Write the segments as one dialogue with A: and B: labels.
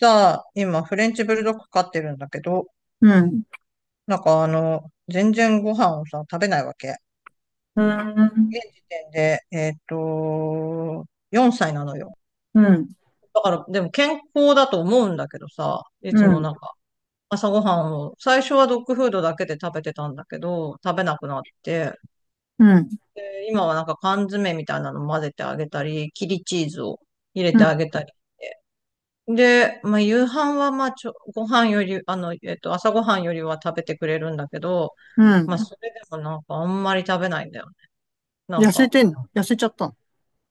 A: さ、今、フレンチブルドッグ飼ってるんだけど、
B: うん。
A: なんか全然ご飯をさ、食べないわけ。
B: うー
A: 現
B: ん。
A: 時点で、4歳なのよ。
B: うん。
A: だから、でも健康だと思うんだけどさ、いつ
B: う
A: も
B: ん。
A: なんか、朝ごはんを、最初はドッグフードだけで食べてたんだけど、食べなくなって、
B: うん。
A: で今はなんか缶詰みたいなの混ぜてあげたり、切りチーズを入れ
B: う
A: て
B: ん。
A: あげたり。で、まあ、夕飯は、まあ、ご飯より、朝ご飯よりは食べてくれるんだけど、
B: う
A: まあ、
B: ん。
A: それでもなんか、あんまり食べないんだよね。なん
B: 痩せ
A: か、
B: てんの？痩せちゃったの？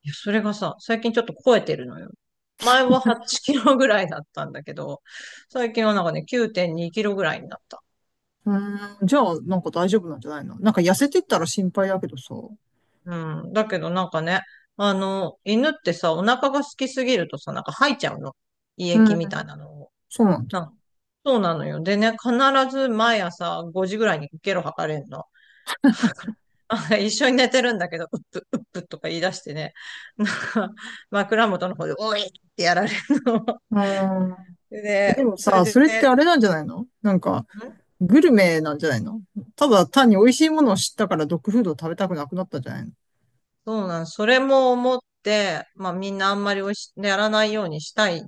A: いや、それがさ、最近ちょっと超えてるのよ。前は8キロぐらいだったんだけど、最近はなんかね、9.2キロぐらいになった。
B: うーん。じゃあ、なんか大丈夫なんじゃないの？なんか痩せてったら心配だけどさ。
A: うん。だけどなんかね、犬ってさ、お腹が空きすぎるとさ、なんか吐いちゃうの。胃
B: う
A: 液
B: ん。
A: みたいなのを。
B: そうなんだ。
A: なんそうなのよ。でね、必ず毎朝5時ぐらいにゲロ吐かれるの。一緒に寝てるんだけど、うっぷ、うっぷとか言い出してね、なんか枕元の方で、おいってやられるの。
B: うーん。
A: で、
B: でも
A: それ
B: さ、そ
A: で、
B: れってあれなんじゃないの？なんか、
A: ん
B: グルメなんじゃないの？ただ単に美味しいものを知ったからドッグフードを食べたくなくなったんじゃないの？
A: そうなん、それも思って、まあみんなあんまりやらないようにしたい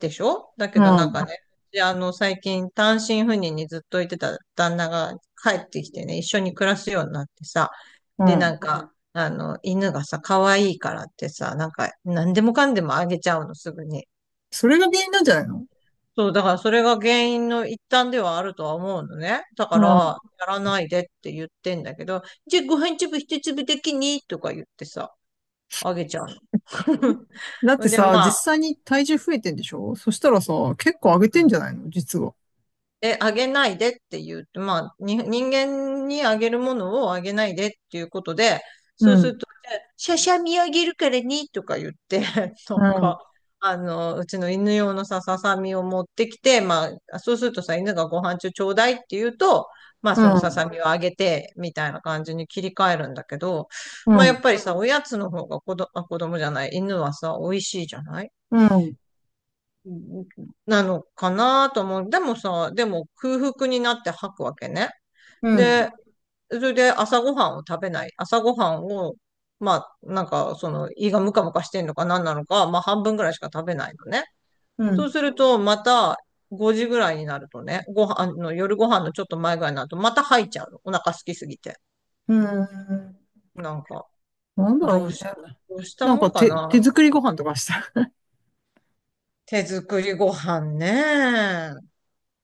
A: でしょ。だけどなんかね、で最近単身赴任にずっといてた旦那が帰ってきてね、一緒に暮らすようになってさ、
B: う
A: で、
B: ん。う
A: な
B: ん。
A: んか、犬がさ、可愛いからってさ、なんか、何でもかんでもあげちゃうの、すぐに。
B: それが原因なんじゃないの？
A: そう、だからそれが原因の一端ではあるとは思うのね。だか
B: う
A: ら、
B: ん。
A: やらないでって言ってんだけど、じゃあご飯粒一粒的にとか言ってさ、あげちゃう
B: だって
A: の。で、
B: さ、
A: まあ、
B: 実際に体重増えてんでしょ？そしたらさ、結構上げ
A: う
B: てん
A: ん。
B: じゃないの実は。
A: あげないでって言うと、まあ、人間にあげるものをあげないでっていうことで、
B: う
A: そうす
B: ん。
A: ると、しゃしゃみあげるからにとか言って、な
B: う
A: ん
B: ん。
A: か、うちの犬用のさ、ささみを持ってきて、まあ、そうするとさ、犬がご飯中ちょうだいって言うと、まあ、
B: う
A: そのささ
B: ん、
A: みをあげて、みたいな感じに切り替えるんだけど、
B: う
A: まあ、やっ
B: ん、
A: ぱりさ、おやつの方が子ど、あ、子供じゃない、犬はさ、美味しいじゃない。
B: うん、
A: うんうん。なのかなと思う。でもさ、空腹になって吐くわけね。
B: うん、
A: で、それで朝ごはんを食べない。朝ごはんを、まあ、なんか、胃がムカムカしてんのか何なのか、まあ、半分ぐらいしか食べないのね。
B: う
A: そう
B: ん、
A: すると、また、5時ぐらいになるとね、ご飯あの、夜ご飯のちょっと前ぐらいになると、また吐いちゃうの。お腹空きすぎて。
B: うん。
A: なんか、
B: なんだ
A: ど
B: ろう
A: う
B: ね。
A: し、どうした
B: なん
A: も
B: か
A: んか
B: 手
A: な。
B: 作りご飯とかした？
A: 手作りご飯ね。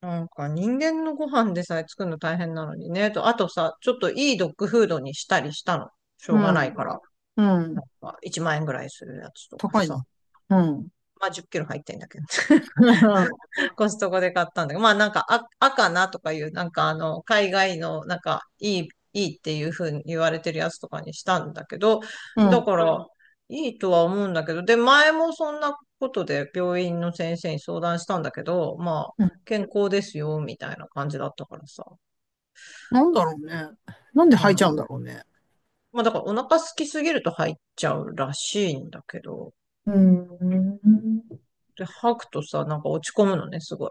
A: なんか人間のご飯でさえ作るの大変なのにね。あとさ、ちょっといいドッグフードにしたりしたの。し
B: う
A: ょうがないか
B: ん、
A: ら。
B: う
A: な
B: ん。
A: んか1万円ぐらいするやつとか
B: 高い
A: さ。
B: ね。うん。
A: まあ10キロ入ってんだけど。コストコで買ったんだけど、まあなんか赤なとかいう、なんか海外のなんかいいっていう風に言われてるやつとかにしたんだけど、
B: う
A: だ
B: ん、
A: かうら、ん。いいとは思うんだけど、で、前もそんなことで病院の先生に相談したんだけど、まあ、
B: うん。
A: 健康ですよ、みたいな感じだったからさ。
B: なんだろうね。なんで
A: う
B: 吐いちゃうん
A: ん。
B: だろうね。
A: まあだからお腹空きすぎると入っちゃうらしいんだけど、
B: うん。
A: で、吐くとさ、なんか落ち込むのね、すごい。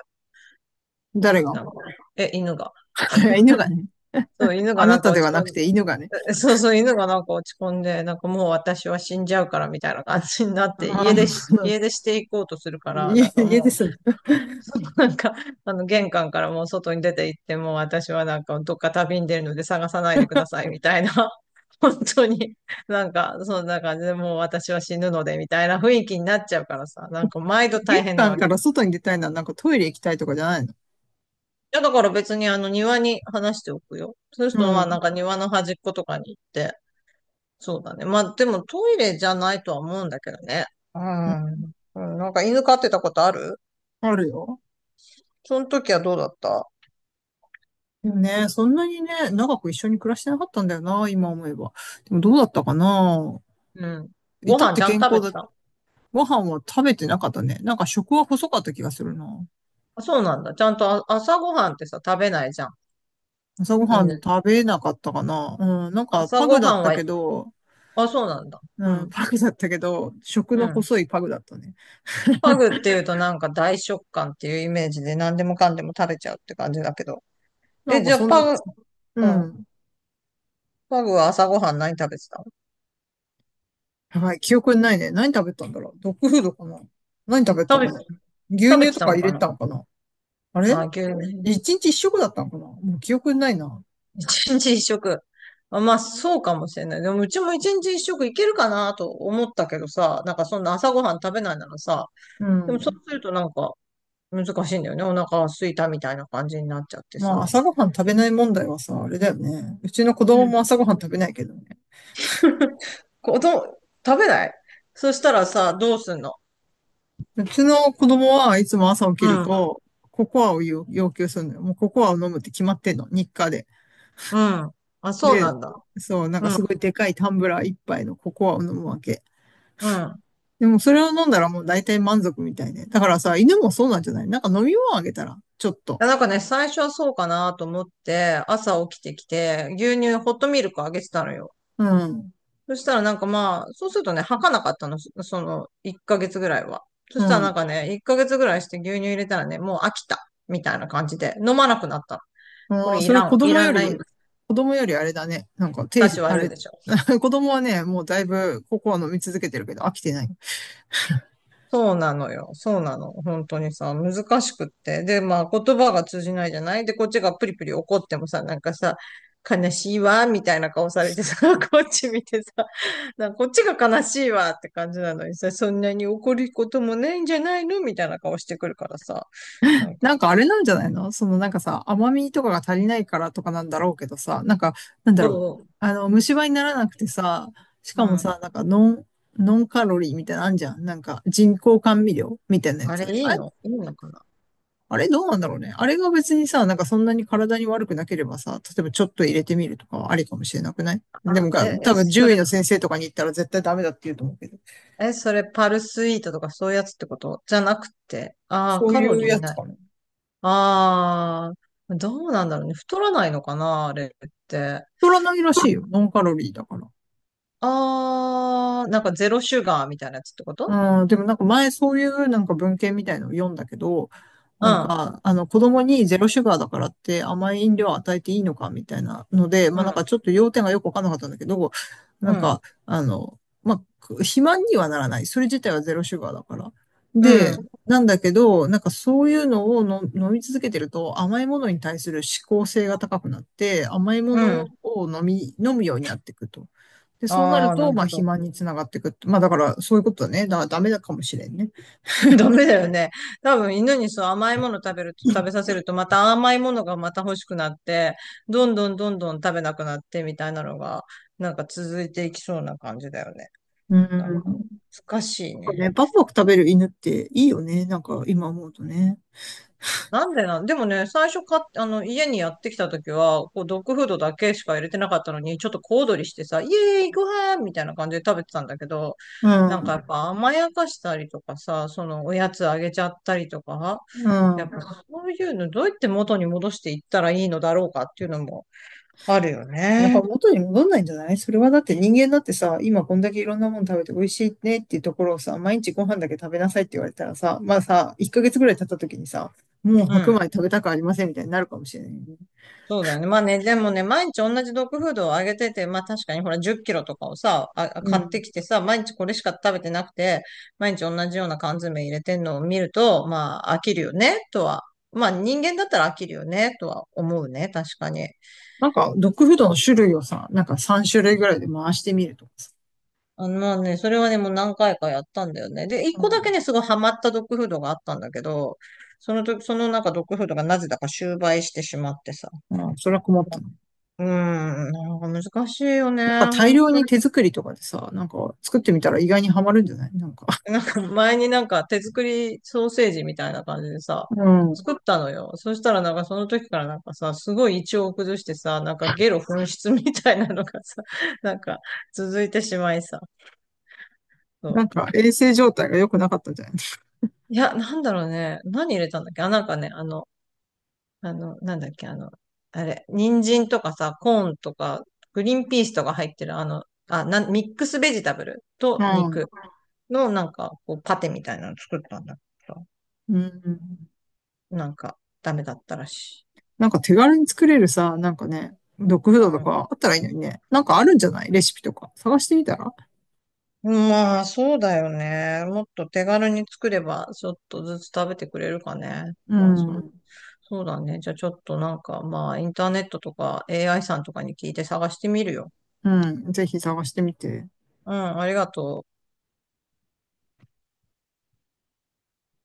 B: 誰が？
A: なんか、犬が。
B: 犬がね。
A: そう、犬が
B: あ
A: な
B: な
A: んか
B: た
A: 落
B: で
A: ち
B: はな
A: 込
B: く
A: ん
B: て犬がね。
A: そうそう、犬がなんか落ち込んで、なんかもう私は死んじゃうからみたいな感じになっ
B: あ
A: て、
B: ー
A: 家出していこうとするか ら、な
B: 家、
A: んか
B: 家で
A: もう、
B: す。
A: そうなんか、玄関からもう外に出て行って、もう私はなんかどっか旅に出るので探さないでくださいみたいな、本当に、なんか、そんな感じでもう私は死ぬのでみたいな雰囲気になっちゃうからさ、なんか毎度
B: 玄
A: 大変な
B: 関
A: わ
B: か
A: け。
B: ら外に出たいのはなんかトイレ行きたいとかじゃないの？
A: いやだから別に庭に話しておくよ。そうする
B: う
A: と
B: ん。
A: ま
B: う
A: あな
B: ん。
A: んか庭の端っことかに行って、そうだね。まあ、でもトイレじゃないとは思うんだけどね。うん。うん。なんか犬飼ってたことある？
B: あるよ。
A: その時はどうだった？
B: でもね、そんなにね、長く一緒に暮らしてなかったんだよな、今思えば。でもどうだったかな。
A: うん。
B: い
A: ご
B: たっ
A: 飯
B: て
A: ちゃん
B: 健
A: と食べ
B: 康
A: て
B: だ。
A: た？
B: ご飯は食べてなかったね。なんか食は細かった気がするな。
A: あ、そうなんだ。ちゃんと朝ごはんってさ、食べないじゃん。
B: 朝ごはん
A: 犬。
B: 食べなかったかな。うん、なんか
A: 朝
B: パグ
A: ご
B: だ
A: は
B: っ
A: ん
B: た
A: は、
B: けど、
A: あ、そうなんだ。
B: う
A: う
B: ん、
A: ん。
B: パグだったけど、食
A: う
B: の
A: ん。
B: 細いパグだったね。
A: パグっていうとなんか大食感っていうイメージで何でもかんでも食べちゃうって感じだけど。
B: な
A: え、
B: んか
A: じゃあ
B: そ
A: パ
B: ん、
A: グ、う
B: う
A: ん。
B: ん。
A: パグは朝ごはん何食べてたの？
B: やばい、記憶にないね。何食べたんだろう。ドッグフードかな。何食べた
A: 食べ
B: か
A: て、
B: な。牛
A: 食べ
B: 乳
A: て
B: と
A: た
B: か
A: の
B: 入
A: か
B: れ
A: な？
B: たのかな。あれ？
A: あ、牛乳。
B: 一日一食だったのかな。もう記憶にないな。
A: 一日一食。まあ、そうかもしれない。でも、うちも一日一食いけるかなと思ったけどさ、なんかそんな朝ごはん食べないならさ、
B: う
A: でもそう
B: ん。
A: するとなんか難しいんだよね。お腹が空いたみたいな感じになっちゃって
B: まあ、
A: さ。
B: 朝ごはん食べない問題はさ、あれだよね。うちの子
A: う
B: 供
A: ん。
B: も朝ごはん食べないけどね。
A: こど、食べない？そしたらさ、どうすんの？
B: うちの子供はいつも朝起き
A: う
B: る
A: ん、
B: と、ココアを要求するのよ。もうココアを飲むって決まってんの、日課で。
A: うん。あ、そう
B: で、
A: なんだ。
B: そう、なんか
A: うん、
B: すごいでかいタンブラー一杯のココアを飲むわけ。
A: うん。
B: でもそれを飲んだらもう大体満足みたいね。だからさ、犬もそうなんじゃない？なんか飲み物あげたら、ちょっと。
A: なんかね、最初はそうかなと思って、朝起きてきて、牛乳、ホットミルクあげてたのよ。
B: うん。
A: そしたらなんかまあ、そうするとね、吐かなかったの、その1ヶ月ぐらいは。そ
B: う
A: したらなん
B: ん。
A: かね、1ヶ月ぐらいして牛乳入れたらね、もう飽きた、みたいな感じで、飲まなくなったの。こ
B: もう
A: れい
B: それ
A: ら
B: は
A: ん、いらないんライン
B: 子供よりあれだね。なんか、手、
A: たち
B: あ
A: 悪い
B: れ、
A: でしょ。
B: 子供はね、もうだいぶココア飲み続けてるけど飽きてない。
A: そうなのよ。そうなの。本当にさ、難しくって。で、まあ、言葉が通じないじゃない。で、こっちがプリプリ怒ってもさ、なんかさ、悲しいわ、みたいな顔されてさ、こっち見てさ、なんかこっちが悲しいわって感じなのにさ、そんなに怒ることもないんじゃないのみたいな顔してくるからさ。なんか、
B: なんかあれなんじゃないの？そのなんかさ、甘みとかが足りないからとかなんだろうけどさ、なんか、なんだろう。
A: そ
B: あの、虫歯にならなくてさ、し
A: う。う
B: かも
A: ん。
B: さ、なんかノンカロリーみたいなのあんじゃん。なんか人工甘味料みたいなや
A: あれ
B: つ。あれ、
A: いいのかな？
B: あれどうなんだろうね。あれが別にさ、なんかそんなに体に悪くなければさ、例えばちょっと入れてみるとかはありかもしれなくない
A: あ、
B: でも
A: え、
B: が、
A: え、
B: 多分
A: そ
B: 獣
A: れ、
B: 医の先生とかに行ったら絶対ダメだって言うと思うけど。
A: それパルスイートとかそういうやつってことじゃなくて。ああ、
B: そう
A: カロ
B: いう
A: リー
B: やつ
A: ない。
B: かな。
A: ああ、どうなんだろうね。太らないのかなあれって。
B: 太らないらしいよ。ノンカロリーだから。
A: ああ、なんかゼロシュガーみたいなやつってこと？
B: うん、でもなんか前そういうなんか文献みたいのを読んだけど、
A: う
B: なん
A: ん。
B: か、あの子供にゼロシュガーだからって甘い飲料を与えていいのかみたいなので、ま
A: う
B: あなんか
A: ん。
B: ちょっと要点がよくわかんなかったんだけど、な
A: う
B: ん
A: ん。
B: か、あの、まあ、肥満にはならない。それ自体はゼロシュガーだから。
A: う
B: で、
A: ん。
B: なんだけど、なんかそういうのをの飲み続けてると甘いものに対する嗜好性が高くなって、甘いも
A: うん。
B: のを飲むようになっていくと。で、そうな
A: あ
B: る
A: あ、な
B: と、
A: る
B: まあ、
A: ほ
B: 肥
A: ど。
B: 満につながっていくって。まあ、だから、そういうことだね。だから、ダメだかもしれんね。
A: ダメだよね。多分犬にそう甘いもの食べさせるとまた甘いものがまた欲しくなって、どんどんどんどん食べなくなってみたいなのが、なんか続いていきそうな感じだよね。
B: うん。
A: な
B: な
A: んか、
B: ん
A: 難しい
B: か
A: ね。
B: ね、バクバク食べる犬っていいよね。なんか、今思うとね。
A: なんでなん、でもね、最初か、あの、家にやってきた時は、こう、ドッグフードだけしか入れてなかったのに、ちょっと小躍りしてさ、イエーイ、ご飯みたいな感じで食べてたんだけど、
B: う
A: なんかやっ
B: ん。
A: ぱ甘やかしたりとかさ、そのおやつあげちゃったりとか、
B: う
A: やっぱ
B: ん。
A: そういうのどうやって元に戻していったらいいのだろうかっていうのもあるよ
B: やっぱ
A: ね。
B: 元に戻んないんじゃない？それはだって人間だってさ、今こんだけいろんなもの食べて美味しいねっていうところをさ、毎日ご飯だけ食べなさいって言われたらさ、まあさ、1ヶ月ぐらい経った時にさ、もう
A: う
B: 白米
A: ん。
B: 食べたくありませんみたいになるかもしれないよね。
A: そうだよね。まあね、でもね、毎日同じドッグフードをあげてて、まあ確かにほら10キロとかをさ、
B: う
A: 買っ
B: ん。
A: てきてさ、毎日これしか食べてなくて、毎日同じような缶詰入れてんのを見ると、まあ飽きるよね、とは。まあ人間だったら飽きるよね、とは思うね、確かに。
B: なんか、ドッグフードの種類をさ、なんか3種類ぐらいで回してみるとかさ。
A: まあね、それはね、もう何回かやったんだよね。で、一
B: う
A: 個だけ
B: ん。
A: ね、すごいハマったドッグフードがあったんだけど、その時、そのなんかドッグフードがなぜだか終売してしまってさ。
B: ああ、それは困ったね。
A: うーん、なんか難しいよね、
B: なんか大
A: 本
B: 量
A: 当。
B: に手作りとかでさ、なんか作ってみたら意外にはまるんじゃない？なんか。
A: なんか前になんか手作りソーセージみたいな感じでさ、
B: うん。
A: 作ったのよ。そしたらなんかその時からなんかさ、すごい胃腸を崩してさ、なんかゲロ噴出みたいなのがさ、なんか続いてしまいさ。そ
B: な
A: う。
B: んか衛生状態が良くなかったんじゃない？
A: いや、なんだろうね。何入れたんだっけ？なんかね、なんだっけあれ、人参とかさ、コーンとか、グリーンピースとか入ってるミックスベジタブル
B: う
A: と
B: ん。
A: 肉のなんかこうパテみたいなの作ったんだけど、
B: うん。
A: なんかダメだったらしい。
B: なんか手軽に作れるさ、なんかね、ドッグフードと
A: う
B: かあったらいいのにね。なんかあるんじゃない？レシピとか。探してみたら？
A: ん。まあ、そうだよね。もっと手軽に作れば、ちょっとずつ食べてくれるかね。
B: う
A: まあ、
B: ん。
A: そうだね。じゃあ、ちょっとなんか、まあ、インターネットとか AI さんとかに聞いて探してみるよ。
B: うん。ぜひ探してみて。
A: うん、ありがとう。